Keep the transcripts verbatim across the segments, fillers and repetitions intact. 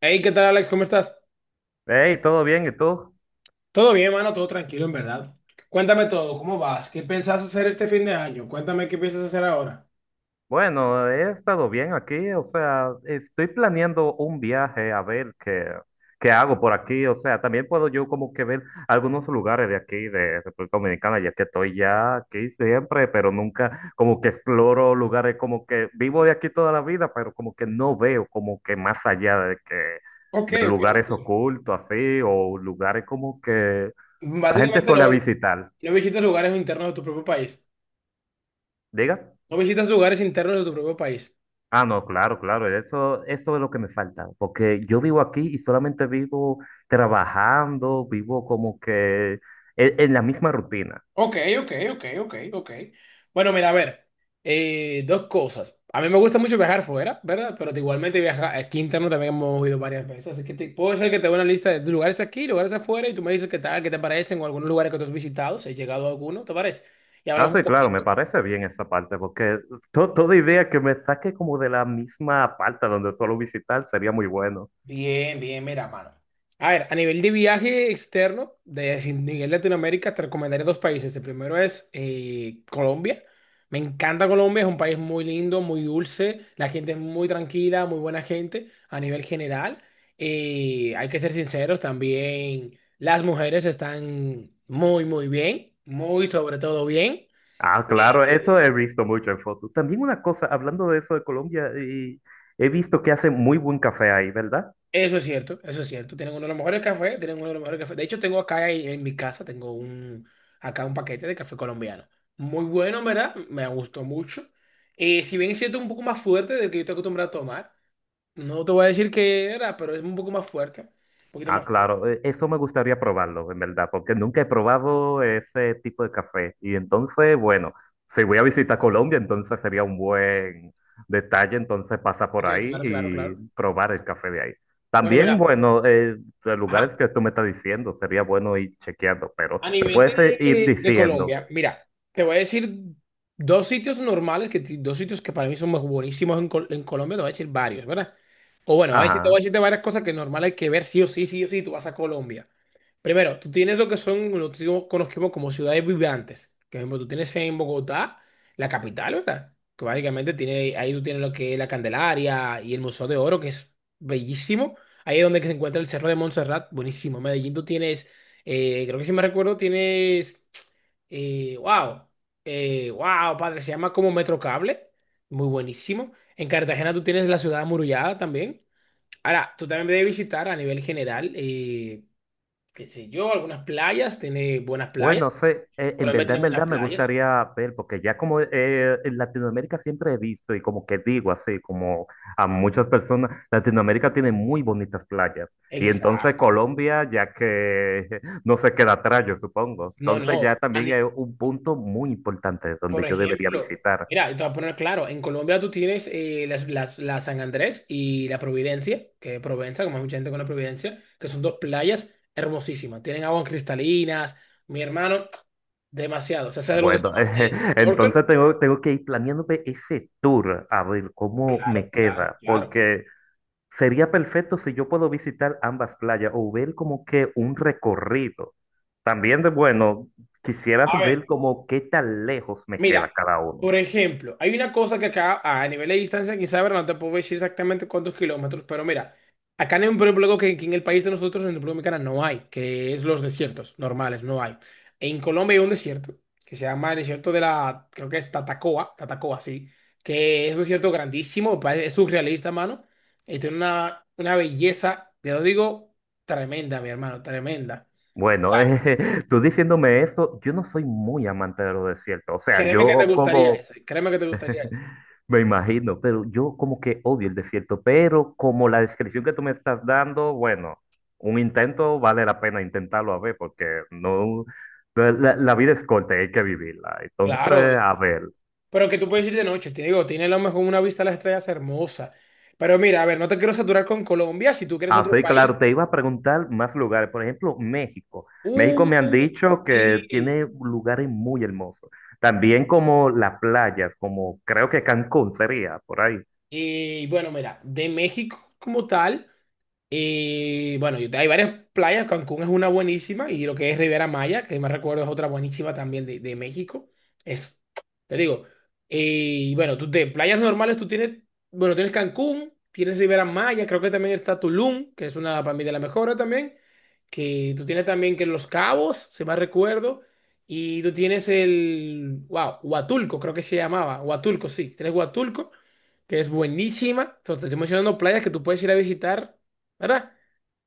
Hey, ¿qué tal, Alex? ¿Cómo estás? Hey, ¿todo bien? ¿Y tú? Todo bien, mano, todo tranquilo, en verdad. Cuéntame todo, ¿cómo vas? ¿Qué pensás hacer este fin de año? Cuéntame qué piensas hacer ahora. Bueno, he estado bien aquí, o sea, estoy planeando un viaje a ver qué, qué hago por aquí. O sea, también puedo yo como que ver algunos lugares de aquí, de República Dominicana, ya que estoy ya aquí siempre, pero nunca como que exploro lugares, como que vivo de aquí toda la vida, pero como que no veo como que más allá de que Ok, de ok, ok. lugares ocultos así, o lugares como que la gente Básicamente no, suele visitar. no visitas lugares internos de tu propio país. Diga. No visitas lugares internos de tu propio país. Ah, no, claro, claro, eso, eso es lo que me falta, porque yo vivo aquí y solamente vivo trabajando, vivo como que en, en la misma rutina. Ok, ok, ok, ok, ok. Bueno, mira, a ver, eh, dos cosas. A mí me gusta mucho viajar fuera, ¿verdad? Pero igualmente viajar aquí interno también hemos ido varias veces. Así que te- puedo ser que te dé una lista de lugares aquí, lugares afuera, y tú me dices qué tal, qué te parecen, o algunos lugares que tú has visitado, si has llegado a alguno, ¿te parece? Y Ah, hablamos un sí, claro, me poquito. parece bien esa parte, porque to- toda idea que me saque como de la misma parte donde suelo visitar sería muy bueno. Bien, bien, mira, mano. A ver, a nivel de viaje externo, de si- nivel Latinoamérica, te recomendaré dos países. El primero es eh, Colombia. Me encanta Colombia, es un país muy lindo, muy dulce. La gente es muy tranquila, muy buena gente a nivel general. Eh, hay que ser sinceros, también las mujeres están muy, muy bien, muy sobre todo bien. Ah, Eh, claro, eso he visto mucho en fotos. También una cosa, hablando de eso de Colombia, y he visto que hacen muy buen café ahí, ¿verdad? Eso es cierto, eso es cierto. Tienen uno de los mejores cafés, tienen uno de los mejores cafés. De hecho, tengo acá en en mi casa, tengo un, acá un paquete de café colombiano. Muy bueno, ¿verdad? Me gustó mucho. Eh, si bien es cierto, un poco más fuerte del que yo estoy acostumbrado a tomar. No te voy a decir que era, pero es un poco más fuerte. Un poquito Ah, más fuerte. claro, e- eso me gustaría probarlo, en verdad, porque nunca he probado ese tipo de café. Y entonces, bueno, si voy a visitar Colombia, entonces sería un buen detalle, entonces pasa por Ok, ahí claro, claro, y claro. probar el café de ahí. Bueno, También, mira. bueno, eh, los lugares Ajá. que tú me estás diciendo, sería bueno ir chequeando, pero A me nivel puedes eh, ir de, de diciendo, Colombia, mira, te voy a decir dos sitios normales, que, dos sitios que para mí son más buenísimos en, Col- en Colombia, te voy a decir varios, ¿verdad? O bueno, ahí sí te voy ajá. a decir de varias cosas que normal hay que ver sí o sí, sí o sí, tú vas a Colombia. Primero, tú tienes lo que son, lo que conocemos como ciudades vibrantes. Que, Por ejemplo, tú tienes en Bogotá, la capital, ¿verdad? Que básicamente tiene, ahí tú tienes lo que es la Candelaria y el Museo de Oro, que es bellísimo. Ahí es donde que se encuentra el Cerro de Montserrat, buenísimo. En Medellín tú tienes, eh, creo que si me recuerdo, tienes, eh, wow, eh, wow, padre, se llama como Metrocable, muy buenísimo. En Cartagena tú tienes la ciudad amurallada también. Ahora, tú también debes visitar a nivel general. Eh, qué sé yo, algunas playas, tiene buenas playas. Bueno, sí, eh, en Colombia verdad, tiene en buenas verdad me playas. gustaría ver, porque ya como eh, en Latinoamérica siempre he visto y como que digo así, como a muchas personas, Latinoamérica tiene muy bonitas playas. Y entonces Exacto. Colombia, ya que no se queda atrás, yo supongo. No, Entonces no. ya A también ni- es un punto muy importante Por donde yo debería ejemplo, visitar. mira, te voy a poner claro, en Colombia tú tienes eh, las, las- la San Andrés y la Providencia, que es Provenza, como hay mucha gente con la Providencia, que son dos playas hermosísimas. Tienen aguas cristalinas. Mi hermano, demasiado. O sea, ¿sabes algo que se Bueno, llama eh, snorkel? entonces tengo, tengo que ir planeándome ese tour a ver cómo Claro, me claro, queda, claro. porque... Sería perfecto si yo puedo visitar ambas playas o ver como que un recorrido. También de bueno, quisieras A ver, ver como qué tan lejos me queda mira, cada uno. por ejemplo, hay una cosa que acá a nivel de distancia, quizá ahora no te puedo decir exactamente cuántos kilómetros, pero mira, acá en un problema que, que en el país de nosotros, en República Dominicana, no hay, que es los desiertos normales, no hay. En Colombia hay un desierto que se llama el desierto de la, creo que es Tatacoa, Tatacoa, sí, que es un desierto grandísimo, pa- es surrealista, mano, y tiene una, una belleza, ya lo digo, tremenda, mi hermano, tremenda. Bueno, eh, tú diciéndome eso, yo no soy muy amante de los desiertos. O sea, Créeme que te yo gustaría como ese, créeme que te gustaría ese. me imagino, pero yo como que odio el desierto, pero como la descripción que tú me estás dando, bueno, un intento vale la pena intentarlo a ver, porque no, la, la- la vida es corta, y hay que vivirla. Claro, Entonces, a ver, pero que tú puedes ir de noche, te digo, tiene a lo mejor una vista a las estrellas hermosa. Pero mira, a ver, no te quiero saturar con Colombia, si tú quieres ah, otro sí, país. claro, te iba a preguntar más lugares, por ejemplo, México. México Uh, me han dicho que tiene sí. lugares muy hermosos, también como las playas, como creo que Cancún sería, por ahí. Y bueno, mira, de México como tal. Y bueno, yo- hay varias playas, Cancún es una buenísima y lo que es Riviera Maya, que me recuerdo es otra buenísima también de, de México. Es, te digo, y bueno, tú de playas normales tú tienes, bueno, tienes Cancún, tienes Riviera Maya, creo que también está Tulum, que es una para mí de las mejores también, que tú tienes también que Los Cabos, si mal recuerdo, y tú tienes el, wow, Huatulco, creo que se llamaba, Huatulco, sí, tienes Huatulco que es buenísima. Entonces, te estoy mencionando playas que tú puedes ir a visitar, ¿verdad?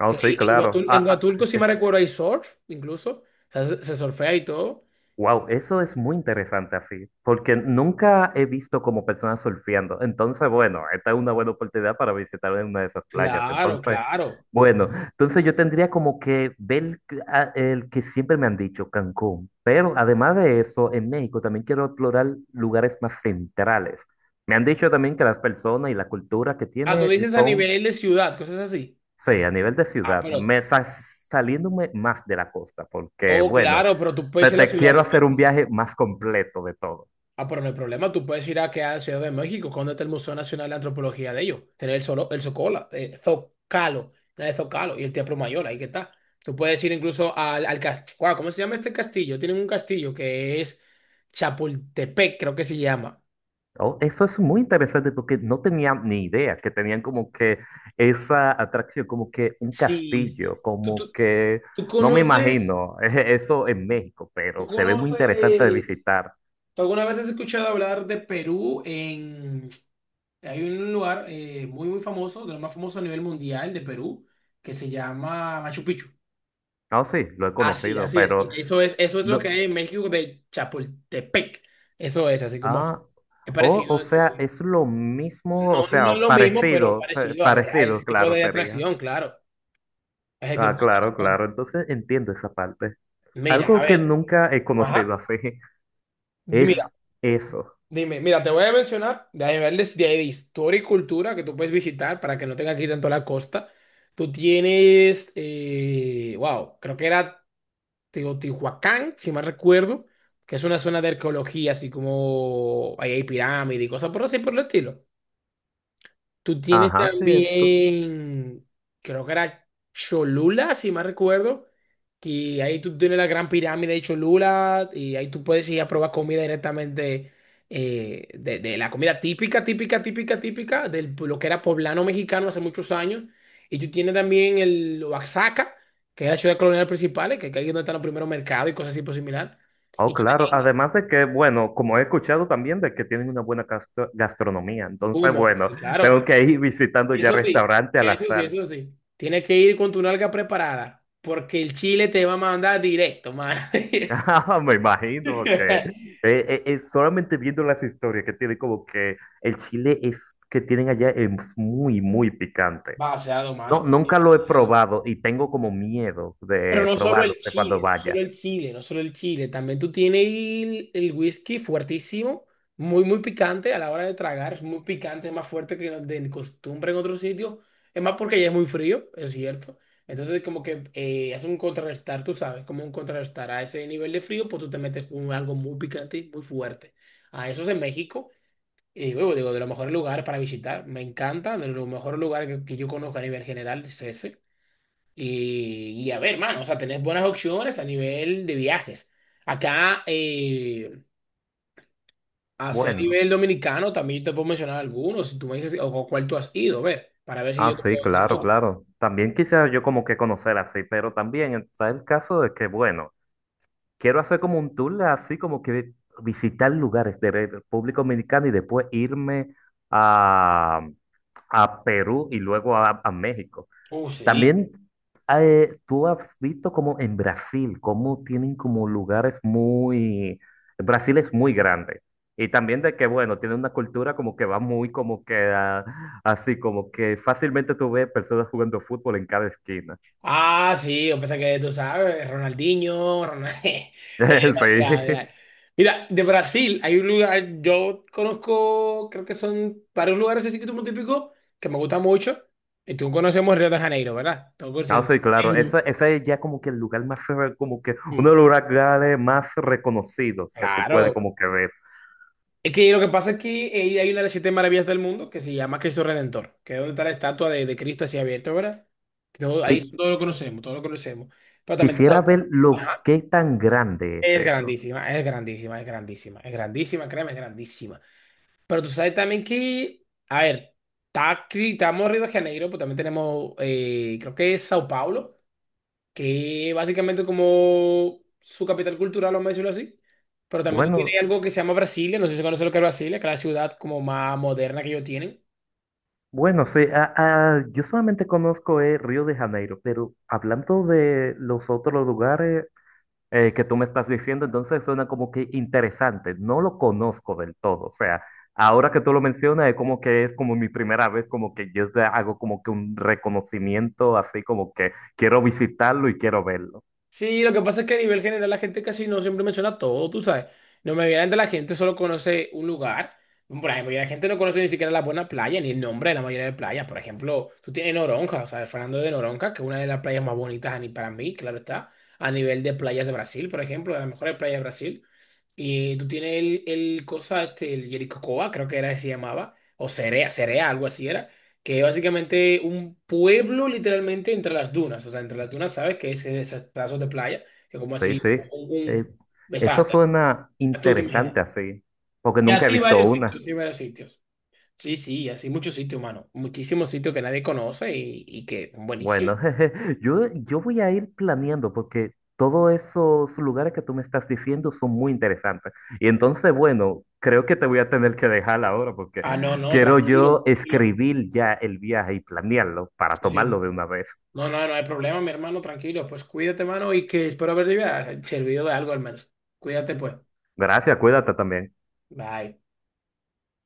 Oh, Que sí, ahí en claro. Huatul- en Ah, ah, Huatulco, si me recuerdo, hay surf, incluso. O sea, se, se surfea y todo. wow, eso es muy interesante así, porque nunca he visto como personas surfeando. Entonces, bueno, esta es una buena oportunidad para visitar una de esas playas. Claro, Entonces, claro. bueno, entonces yo tendría como que ver a- el que siempre me han dicho, Cancún. Pero además de eso, en México también quiero explorar lugares más centrales. Me han dicho también que las personas y la cultura que Ah, tú tiene dices a son... nivel de ciudad, cosas así. Sí, a nivel de Ah, ciudad, pero, me sa- saliéndome más de la costa, porque oh, bueno, claro, pero tú puedes te, ir a la te Ciudad de quiero hacer México. un viaje más completo de todo. Ah, pero no hay problema, tú puedes ir a, que a la Ciudad de México, cuando está el Museo Nacional de Antropología de ellos. Tener el, solo, el Zocola, eh, Zocalo, no, el Zocalo y el Teatro Mayor, ahí que está. Tú puedes ir incluso al, al castillo. ¿Cómo se llama este castillo? Tienen un castillo que es Chapultepec, creo que se llama. Oh, eso es muy interesante porque no tenía ni idea que tenían como que esa atracción, como que un Sí, castillo, sí. ¿Tú, como tú, que tú no me conoces, imagino eso en México, tú pero se ve muy interesante de conoces, visitar. tú alguna vez has escuchado hablar de Perú en, hay un lugar eh, muy, muy famoso, de los más famosos a nivel mundial de Perú, que se llama Machu Picchu. Ah, sí, lo he Así, conocido, así, así. pero Eso es, eso es lo que no. hay en México de Chapultepec. Eso es, así como es. Ah, Es oh, parecido o a eso, sea, sí. es lo mismo, o No, no es sea, lo mismo, pero parecido, se- parecido a, a ese parecido, tipo claro, de sería. atracción, claro. A ese tipo Ah, de claro, atracción. claro. Entonces entiendo esa parte. Mira, a Algo que ver. nunca he Ajá. conocido así es eso. Dime, mira, te voy a mencionar de niveles de ahí de historia y cultura que tú puedes visitar para que no tengas que ir tanto a la costa. Tú tienes, eh, wow, creo que era Teotihuacán, si mal recuerdo, que es una zona de arqueología, así como ahí hay pirámides y cosas por así por el estilo. Tú tienes Ajá, sí. ento- también, creo que era Cholula, si mal recuerdo, que ahí tú tienes la gran pirámide de Cholula y ahí tú puedes ir a probar comida directamente eh, de, de la comida típica, típica, típica, típica de lo que era poblano mexicano hace muchos años. Y tú tienes también el Oaxaca, que es la ciudad colonial principal, que, que ahí es donde están los primeros mercados y cosas así por similar. Oh, Y tú, claro. y- y- Además de que, bueno, como he escuchado también de que tienen una buena gastro- gastronomía. Entonces, bueno, bueno, y claro, tengo que ir visitando ya eso sí, restaurante a la eso sí, sal. eso sí. Tienes que ir con tu nalga preparada, porque el chile te va a mandar directo, mano. Ah, me imagino que eh, eh, eh, solamente viendo las historias que tiene como que el chile es que tienen allá es muy, muy picante. Vaciado, No, mano. nunca lo he Demasiado. probado y tengo como miedo Pero de no solo probarlo, el sé cuando chile, no solo vaya. el chile, no solo el chile. También tú tienes el, el whisky fuertísimo, muy, muy picante a la hora de tragar. Es muy picante, es más fuerte que de costumbre en otros sitios. Es más porque ya es muy frío, es cierto. Entonces, como que eh, hace un contrarrestar, tú sabes, como un contrarrestar a ese nivel de frío, pues tú te metes con algo muy picante y muy fuerte. A eso es en México. Y luego digo, de los mejores lugares para visitar. Me encanta, de los mejores lugares que, que yo conozco a nivel general es ese. Y, y a ver, mano, o sea, tenés buenas opciones a nivel de viajes. Acá, eh, hacia Bueno, nivel dominicano, también te puedo mencionar algunos, si tú me dices, o con cuál tú has ido, a ver, para ver si ah, yo te sí, puedo decir claro, otro. claro. También quisiera yo como que conocer así, pero también está el caso de que, bueno, quiero hacer como un tour así como que visitar lugares de República Dominicana y después irme a, a Perú y luego a, a México. Uh, sí. También eh, tú has visto como en Brasil, cómo tienen como lugares muy... Brasil es muy grande. Y también de que, bueno, tiene una cultura como que va muy como que ah, así, como que fácilmente tú ves personas jugando fútbol en cada esquina. Ah, sí, yo pensé que tú sabes, Ronaldinho, Ronald... Eh, o sea, Sí. ya. Mira, de Brasil hay un lugar, yo conozco, creo que son varios lugares así que tú típicos que me gustan mucho. Y tú conocemos Río de Janeiro, ¿verdad? Tú No, conoces sí, claro. Euro. Ese, ese es ya como que el lugar más, re- como que uno de los lugares más reconocidos que tú puedes Claro. como que ver. Es que lo que pasa es que eh, hay una de las siete maravillas del mundo que se llama Cristo Redentor, que es donde está la estatua de, de Cristo así abierto, ¿verdad? Todo, ahí Sí, todo lo conocemos, todo lo conocemos. Pero también está- quisiera ver lo ajá, que tan grande es es eso. grandísima, es grandísima, es grandísima, es grandísima, créeme, es grandísima. Pero tú sabes también que, a ver, está, aquí- estamos en Río de Janeiro, pues también tenemos, eh, creo que es Sao Paulo, que básicamente como su capital cultural, vamos a decirlo así. Pero también tú Bueno. tienes algo que se llama Brasilia, no sé si conoces lo que es Brasilia, que es la ciudad como más moderna que ellos tienen. Bueno, sí, ah, ah, yo solamente conozco eh, Río de Janeiro, pero hablando de los otros lugares eh, que tú me estás diciendo, entonces suena como que interesante. No lo conozco del todo, o sea, ahora que tú lo mencionas es como que es como mi primera vez, como que yo te hago como que un reconocimiento, así como que quiero visitarlo y quiero verlo. Sí, lo que pasa es que a nivel general la gente casi no siempre menciona todo, tú sabes. No me de la gente solo conoce un lugar. Por ejemplo, y la gente no conoce ni siquiera la buena playa, ni el nombre de la mayoría de playas. Por ejemplo, tú tienes Noronha, o sea, el Fernando de Noronha, que es una de las playas más bonitas a ni- para mí, claro está, a nivel de playas de Brasil, por ejemplo, de las mejores playas de Brasil. Y tú tienes el, el cosa, este, el Jericocoa, creo que era que se llamaba, o Cerea, Cerea, algo así era, que es básicamente un pueblo literalmente entre las dunas. O sea, entre las dunas, ¿sabes? Que es esos pedazos de playa, que como Sí, sí, así, un, eh, un eso exacto, suena tú te imaginas. interesante así, porque Y nunca he así visto varios sitios, una. sí, varios sitios. Sí, sí, así muchos sitios, mano. Muchísimos sitios que nadie conoce y, y que buenísimo. Bueno, yo, yo voy a ir planeando porque todos esos lugares que tú me estás diciendo son muy interesantes. Y entonces, bueno, creo que te voy a tener que dejar ahora porque Ah, no, no, quiero tranquilo, yo tranquilo. escribir ya el viaje y planearlo para Sí, tomarlo sí. de una vez. No, no, no hay problema, mi hermano, tranquilo. Pues cuídate, mano, y que espero haber servido de algo al menos. Cuídate, pues. Gracias, cuídate también. Bye.